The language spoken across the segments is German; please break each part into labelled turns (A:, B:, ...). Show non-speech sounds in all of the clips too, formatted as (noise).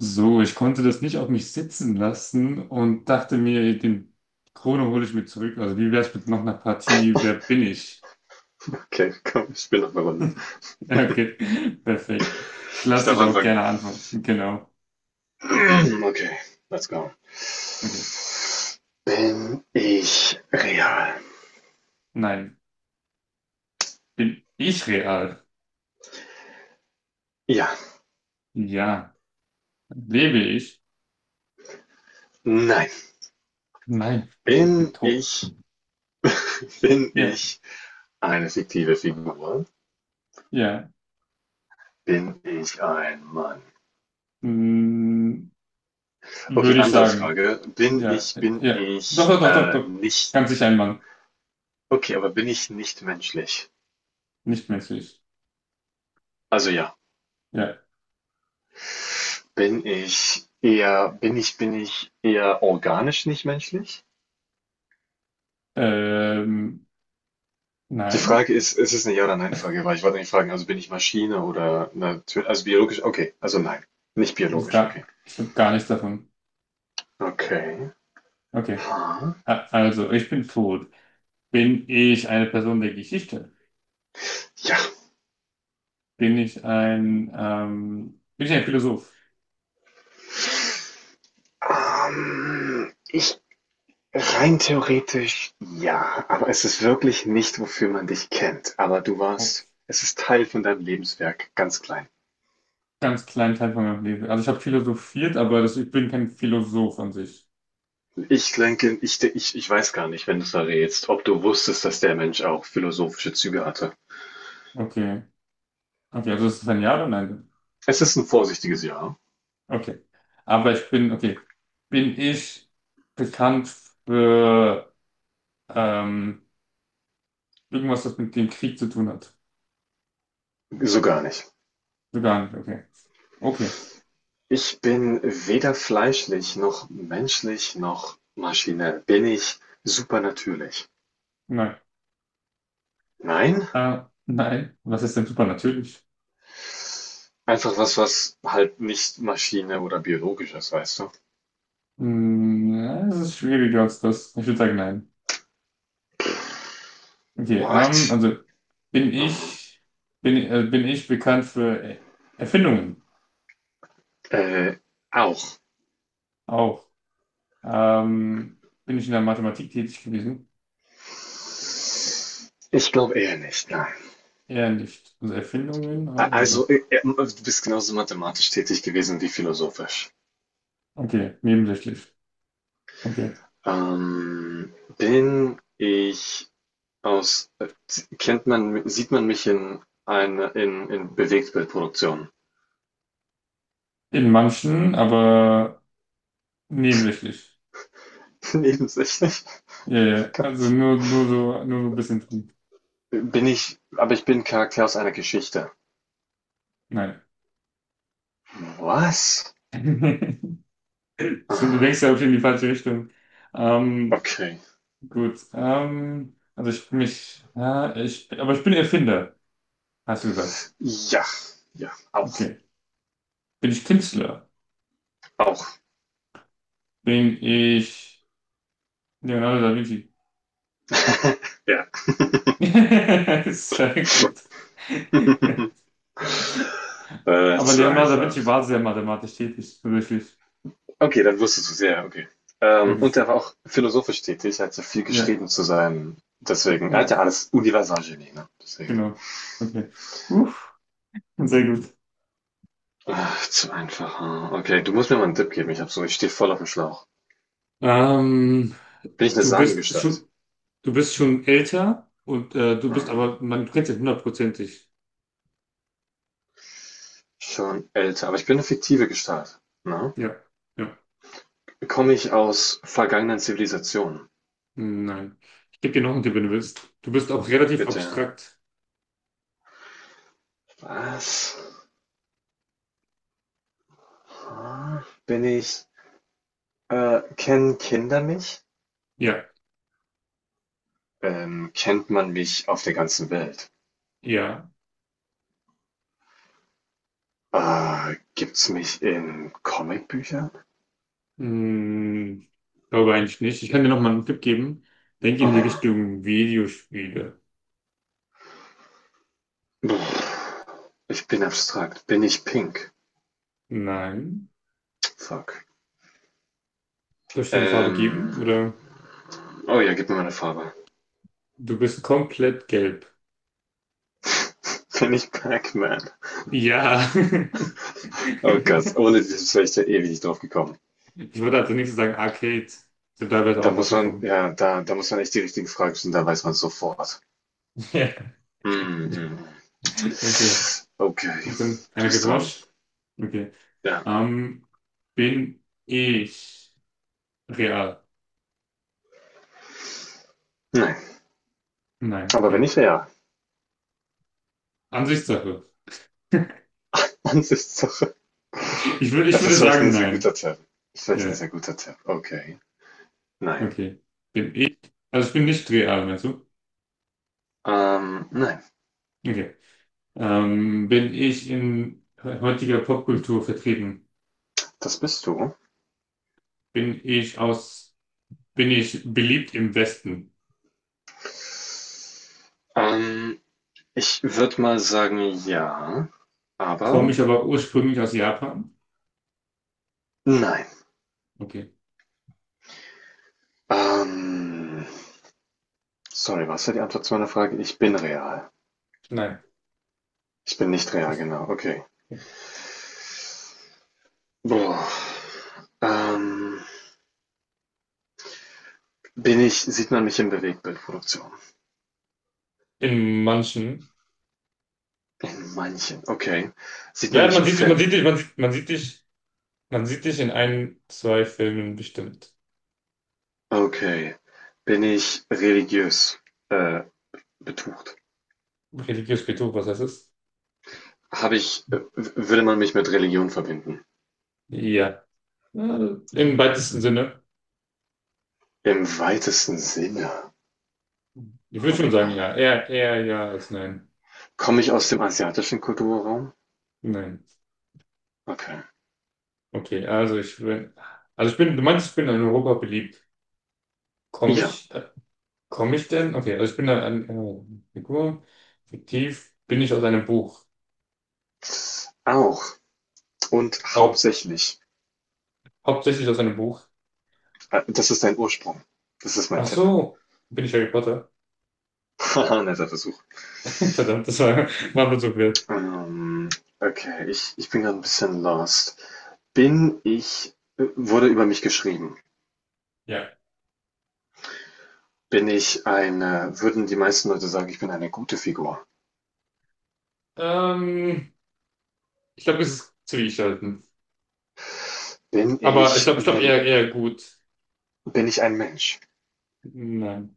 A: So, ich konnte das nicht auf mich sitzen lassen und dachte mir, ey, den Krone hole ich mir zurück. Also wie wär's mit noch einer Partie? Wer bin ich?
B: Okay, (laughs) komm, ich spiele noch eine Runde.
A: (laughs) Ja, okay, perfekt. Ich
B: Ich
A: lasse
B: darf
A: dich auch
B: anfangen.
A: gerne antworten. Genau.
B: (clears throat) Okay, let's go.
A: Okay.
B: Bin ich real?
A: Nein. Bin ich real?
B: Ja.
A: Ja. Lebe ich?
B: Nein.
A: Nein. Okay, ich bin
B: Bin
A: tot.
B: ich, bin
A: Ja,
B: ich eine fiktive Figur?
A: ja.
B: Bin ich ein Mann?
A: Mm,
B: Okay,
A: würde ich
B: andere
A: sagen.
B: Frage. Bin
A: Ja,
B: ich, bin
A: ja. Doch,
B: ich
A: doch, doch, doch,
B: äh,
A: doch.
B: nicht,
A: Ganz sicher ein Mann.
B: okay, aber bin ich nicht menschlich?
A: Nicht menschlich.
B: Also ja.
A: Ja.
B: Bin ich eher organisch nicht menschlich?
A: Ähm,
B: Die
A: nein.
B: Frage ist, ist es 'ne Ja oder Nein-Frage, weil ich wollte nicht fragen, also bin ich Maschine oder natürlich, also biologisch okay, also nein, nicht
A: Das
B: biologisch,
A: gar,
B: okay.
A: ich habe gar nichts davon.
B: Okay.
A: Okay.
B: Ha.
A: Also, ich bin tot. Bin ich eine Person der Geschichte?
B: Ja,
A: Bin ich ein Philosoph?
B: ich rein theoretisch ja, aber es ist wirklich nicht, wofür man dich kennt. Aber du
A: Oh,
B: warst es ist Teil von deinem Lebenswerk, ganz klein.
A: ganz kleinen Teil von meinem Leben. Also, ich habe philosophiert, aber das, ich bin kein Philosoph an sich.
B: Ich denke, ich weiß gar nicht, wenn du's errätst, ob du wusstest, dass der Mensch auch philosophische Züge hatte.
A: Okay. Okay, also, das ist ein Ja oder Nein?
B: Es ist ein vorsichtiges Ja,
A: Okay. Aber ich bin, okay. Bin ich bekannt für, ähm, irgendwas, das mit dem Krieg zu tun hat?
B: so gar nicht.
A: So gar nicht, okay. Okay.
B: Ich bin weder fleischlich noch menschlich noch Maschine. Bin ich supernatürlich?
A: Nein.
B: Nein,
A: Nein. Was ist denn supernatürlich?
B: einfach was, was halt nicht Maschine oder biologisch ist, weißt du?
A: Hm, ja, es ist schwieriger als das. Ich würde sagen, nein. Okay,
B: What?
A: also bin
B: Mhm.
A: ich, bin ich bekannt für Erfindungen?
B: Äh, Auch.
A: Auch. Bin ich in der Mathematik tätig gewesen?
B: Ich glaube eher nicht, nein.
A: Eher nicht. Also Erfindungen auch, okay.
B: Also, du bist genauso mathematisch tätig gewesen wie philosophisch.
A: Okay, nebensächlich. Okay.
B: Bin ich aus, kennt man, sieht man mich in, eine, in Bewegtbildproduktionen?
A: In manchen, aber nebensächlich.
B: Nebensächlich?
A: Ja, ja.
B: (laughs)
A: Also
B: Gott.
A: nur, nur so ein bisschen drin.
B: Bin ich, aber ich bin Charakter aus einer Geschichte.
A: Nein.
B: Was?
A: (laughs) Stimmt, du denkst
B: Aha.
A: ja auch in die falsche Richtung. Ähm,
B: Okay.
A: Gut. Also ich bin mich, ja, ich, aber ich bin Erfinder, hast du gesagt.
B: Ja, ja, auch,
A: Okay. Bin ich Künstler?
B: auch.
A: Bin ich Leonardo da Vinci?
B: (laughs) Ja.
A: (laughs) Sehr gut.
B: (laughs) Äh,
A: Aber
B: zu
A: Leonardo da
B: einfach.
A: Vinci war sehr mathematisch tätig, tatsächlich.
B: Okay, dann wusstest du es, ja, okay.
A: Okay.
B: Und er war auch philosophisch tätig, er hat ja viel
A: Ja,
B: geschrieben zu sein deswegen, er hat
A: ja,
B: ja alles Universalgenie, ne? Deswegen.
A: genau. Okay. Uff, sehr gut.
B: Ach, zu einfach. Hm. Okay, du musst mir mal einen Tipp geben, ich hab so, ich stehe voll auf dem Schlauch.
A: Ähm,
B: Bin ich eine
A: Du bist
B: Sagengestalt?
A: schon, du bist schon älter und du bist
B: Hm.
A: aber, man kennt dich hundertprozentig.
B: Schon älter, aber ich bin eine fiktive Gestalt, ne?
A: Ja, ja.
B: Komme ich aus vergangenen Zivilisationen?
A: Nein. Ich gebe dir noch einen Tipp, wenn du willst. Du bist auch relativ
B: Bitte.
A: abstrakt.
B: Was? Bin ich, kennen Kinder mich?
A: Ja,
B: Kennt man mich auf der ganzen Welt?
A: ja.
B: Gibt's mich in Comicbüchern?
A: Hm, glaube eigentlich nicht. Ich kann dir noch mal einen Tipp geben. Denk in die
B: Oh.
A: Richtung Videospiele.
B: Ich bin abstrakt. Bin ich pink?
A: Nein.
B: Fuck.
A: Soll ich dir die Farbe geben?
B: Ähm.
A: Oder
B: Oh ja, gib mir mal eine Farbe.
A: du bist komplett gelb.
B: (laughs) Bin ich Pac-Man?
A: Ja. (laughs)
B: Oh Gott, ohne dieses wäre ich da ewig nicht drauf gekommen.
A: Ich würde als nächstes sagen Arcade. Sind teilweise
B: Da
A: auch
B: muss man,
A: aufgekommen.
B: ja, da muss man echt die richtigen Fragen stellen, da weiß man sofort.
A: Ja. (laughs)
B: Mhm.
A: Okay.
B: Okay,
A: Gut, dann
B: du
A: eine
B: bist dran.
A: Revanche. Okay.
B: Ja.
A: Ähm, Bin ich real?
B: Nein.
A: Nein,
B: Aber wenn
A: okay.
B: nicht, ja.
A: Ansichtssache.
B: (laughs) Ansichtssache.
A: Ich
B: Es
A: würde
B: ist vielleicht
A: sagen,
B: ein sehr
A: nein.
B: guter Tipp. Ist vielleicht ein
A: Ja,
B: sehr guter Tipp. Okay. Nein.
A: okay. Bin ich, also ich bin nicht real, meinst du?
B: Nein.
A: Okay. Bin ich in heutiger Popkultur vertreten?
B: Das bist du.
A: Bin ich aus, Bin ich beliebt im Westen?
B: Ähm, ich würde mal sagen, ja.
A: Komme
B: Aber
A: ich aber ursprünglich aus Japan?
B: nein.
A: Okay.
B: Ähm, Sorry, was war die Antwort zu meiner Frage? Ich bin real.
A: Nein.
B: Ich bin nicht real,
A: Das-
B: genau. Okay.
A: okay.
B: Boah. Ähm, Bin ich, sieht man mich in Bewegtbildproduktion?
A: In manchen.
B: In manchen, okay. Sieht man
A: Ja,
B: mich in Filmen?
A: man sieht dich in ein, zwei Filmen bestimmt.
B: Okay. Bin ich religiös, äh, betucht?
A: Religiös Betrug, was heißt das?
B: Habe ich, würde man mich mit Religion verbinden?
A: Ja. Ja, im weitesten Sinne.
B: Im weitesten Sinne.
A: Ich würde schon
B: Holy
A: sagen,
B: moly.
A: ja. Eher, eher ja als nein.
B: Komme ich aus dem asiatischen Kulturraum?
A: Nein.
B: Okay.
A: Okay, also ich bin, du meinst, ich bin in Europa beliebt. Komme
B: Ja,
A: ich, äh, Komme ich denn? Okay, also ich bin eine Figur. Fiktiv bin ich aus einem Buch.
B: auch. Und
A: Au,
B: hauptsächlich.
A: hauptsächlich aus einem Buch.
B: Das ist dein Ursprung. Das ist mein
A: Ach
B: Tipp.
A: so, bin ich Harry Potter?
B: Haha, (laughs) netter Versuch.
A: (laughs) Verdammt, das war, war mir so wert.
B: Ähm, okay, ich bin gerade ein bisschen lost. Bin ich wurde über mich geschrieben.
A: Ja.
B: Bin ich eine würden die meisten Leute sagen, ich bin eine gute Figur?
A: Ähm, Ich glaube, es ist zwiegespalten.
B: Bin
A: Aber
B: ich
A: ich glaube
B: Men
A: eher, eher gut.
B: bin ich ein Mensch?
A: Nein.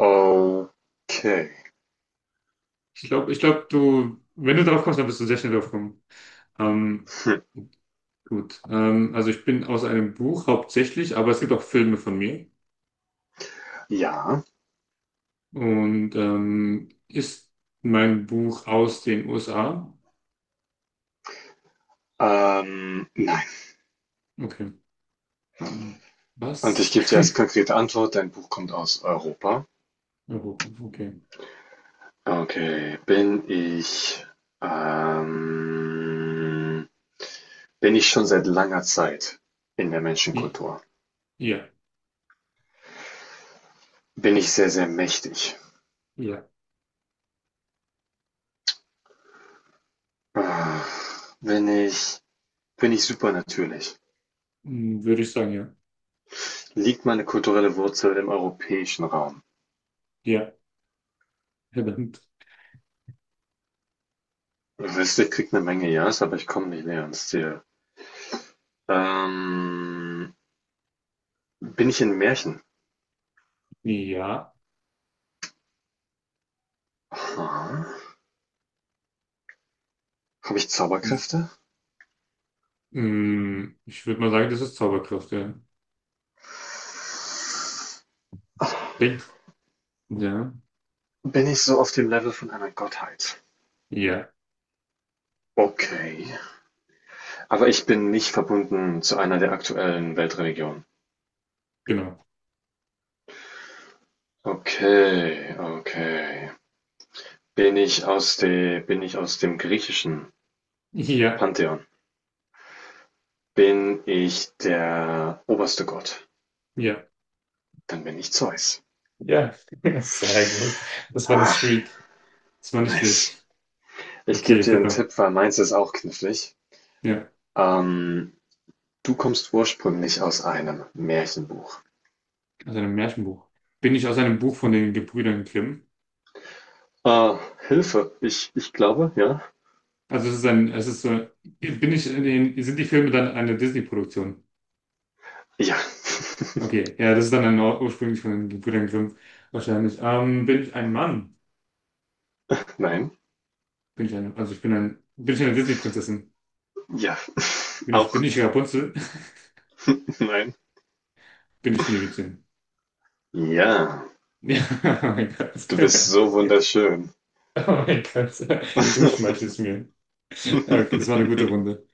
B: Okay.
A: Ich glaube, du, wenn du drauf kommst, dann bist du sehr schnell drauf kommen. Ähm,
B: Hm.
A: Gut, also ich bin aus einem Buch hauptsächlich, aber es gibt auch Filme von mir.
B: Ja.
A: Und ist mein Buch aus den USA?
B: Nein.
A: Okay. Ähm,
B: Und ich
A: was?
B: gebe
A: (laughs)
B: dir als konkrete Antwort, dein Buch kommt aus Europa.
A: Europa, okay.
B: Okay. Ähm, bin ich schon seit langer Zeit in der
A: I-
B: Menschenkultur?
A: Ja,
B: Bin ich sehr, sehr mächtig?
A: ja.
B: Ah, Bin ich bin ich super natürlich?
A: Hm, würde ich sagen, ja.
B: Liegt meine kulturelle Wurzel im europäischen Raum?
A: Ja, verdammt.
B: Wüsste kriegt eine Menge Ja's, aber ich komme nicht näher ans Ziel. Ähm, bin ich in Märchen?
A: Ja.
B: Aha. Habe ich Zauberkräfte?
A: Hm, ich würde mal sagen, das ist Zauberkraft, ja.
B: Ach,
A: Denk. Ja,
B: bin ich so auf dem Level von einer Gottheit?
A: ja,
B: Okay. Aber ich bin nicht verbunden zu einer der aktuellen Weltreligionen.
A: genau. (laughs)
B: Okay, okay. Bin ich aus dem griechischen
A: Ja,
B: Pantheon? Bin ich der oberste Gott?
A: ja.
B: Dann bin ich Zeus.
A: Ja, (laughs) sehr gut. Das war eine
B: Ach,
A: Streak. Das war nicht
B: nice.
A: schlecht.
B: Ich gebe
A: Okay,
B: dir einen
A: verdammt.
B: Tipp, weil meins ist auch knifflig.
A: Ja,
B: Ähm, du kommst ursprünglich aus einem Märchenbuch.
A: aus einem Märchenbuch. Bin ich aus einem Buch von den Gebrüdern Grimm?
B: Äh, Hilfe. Ich glaube, ja.
A: Also es ist ein, es ist so, bin ich in den, sind die Filme dann eine Disney-Produktion?
B: Ja,
A: Okay, ja, das ist dann ein, ursprünglich von den Gebrüdern Grimm wahrscheinlich. Bin ich ein Mann?
B: nein.
A: Bin ich ein, also ich bin ein, bin ich eine Disney-Prinzessin?
B: Ja, (laughs)
A: Bin
B: auch
A: ich Rapunzel? (laughs)
B: nein.
A: Bin ich Schneewittchen?
B: Ja,
A: Ja, (laughs) oh mein Gott.
B: du bist so
A: (laughs)
B: wunderschön.
A: Oh mein Gott, du schmeichelst mir. Okay, das war eine gute
B: (laughs)
A: Runde.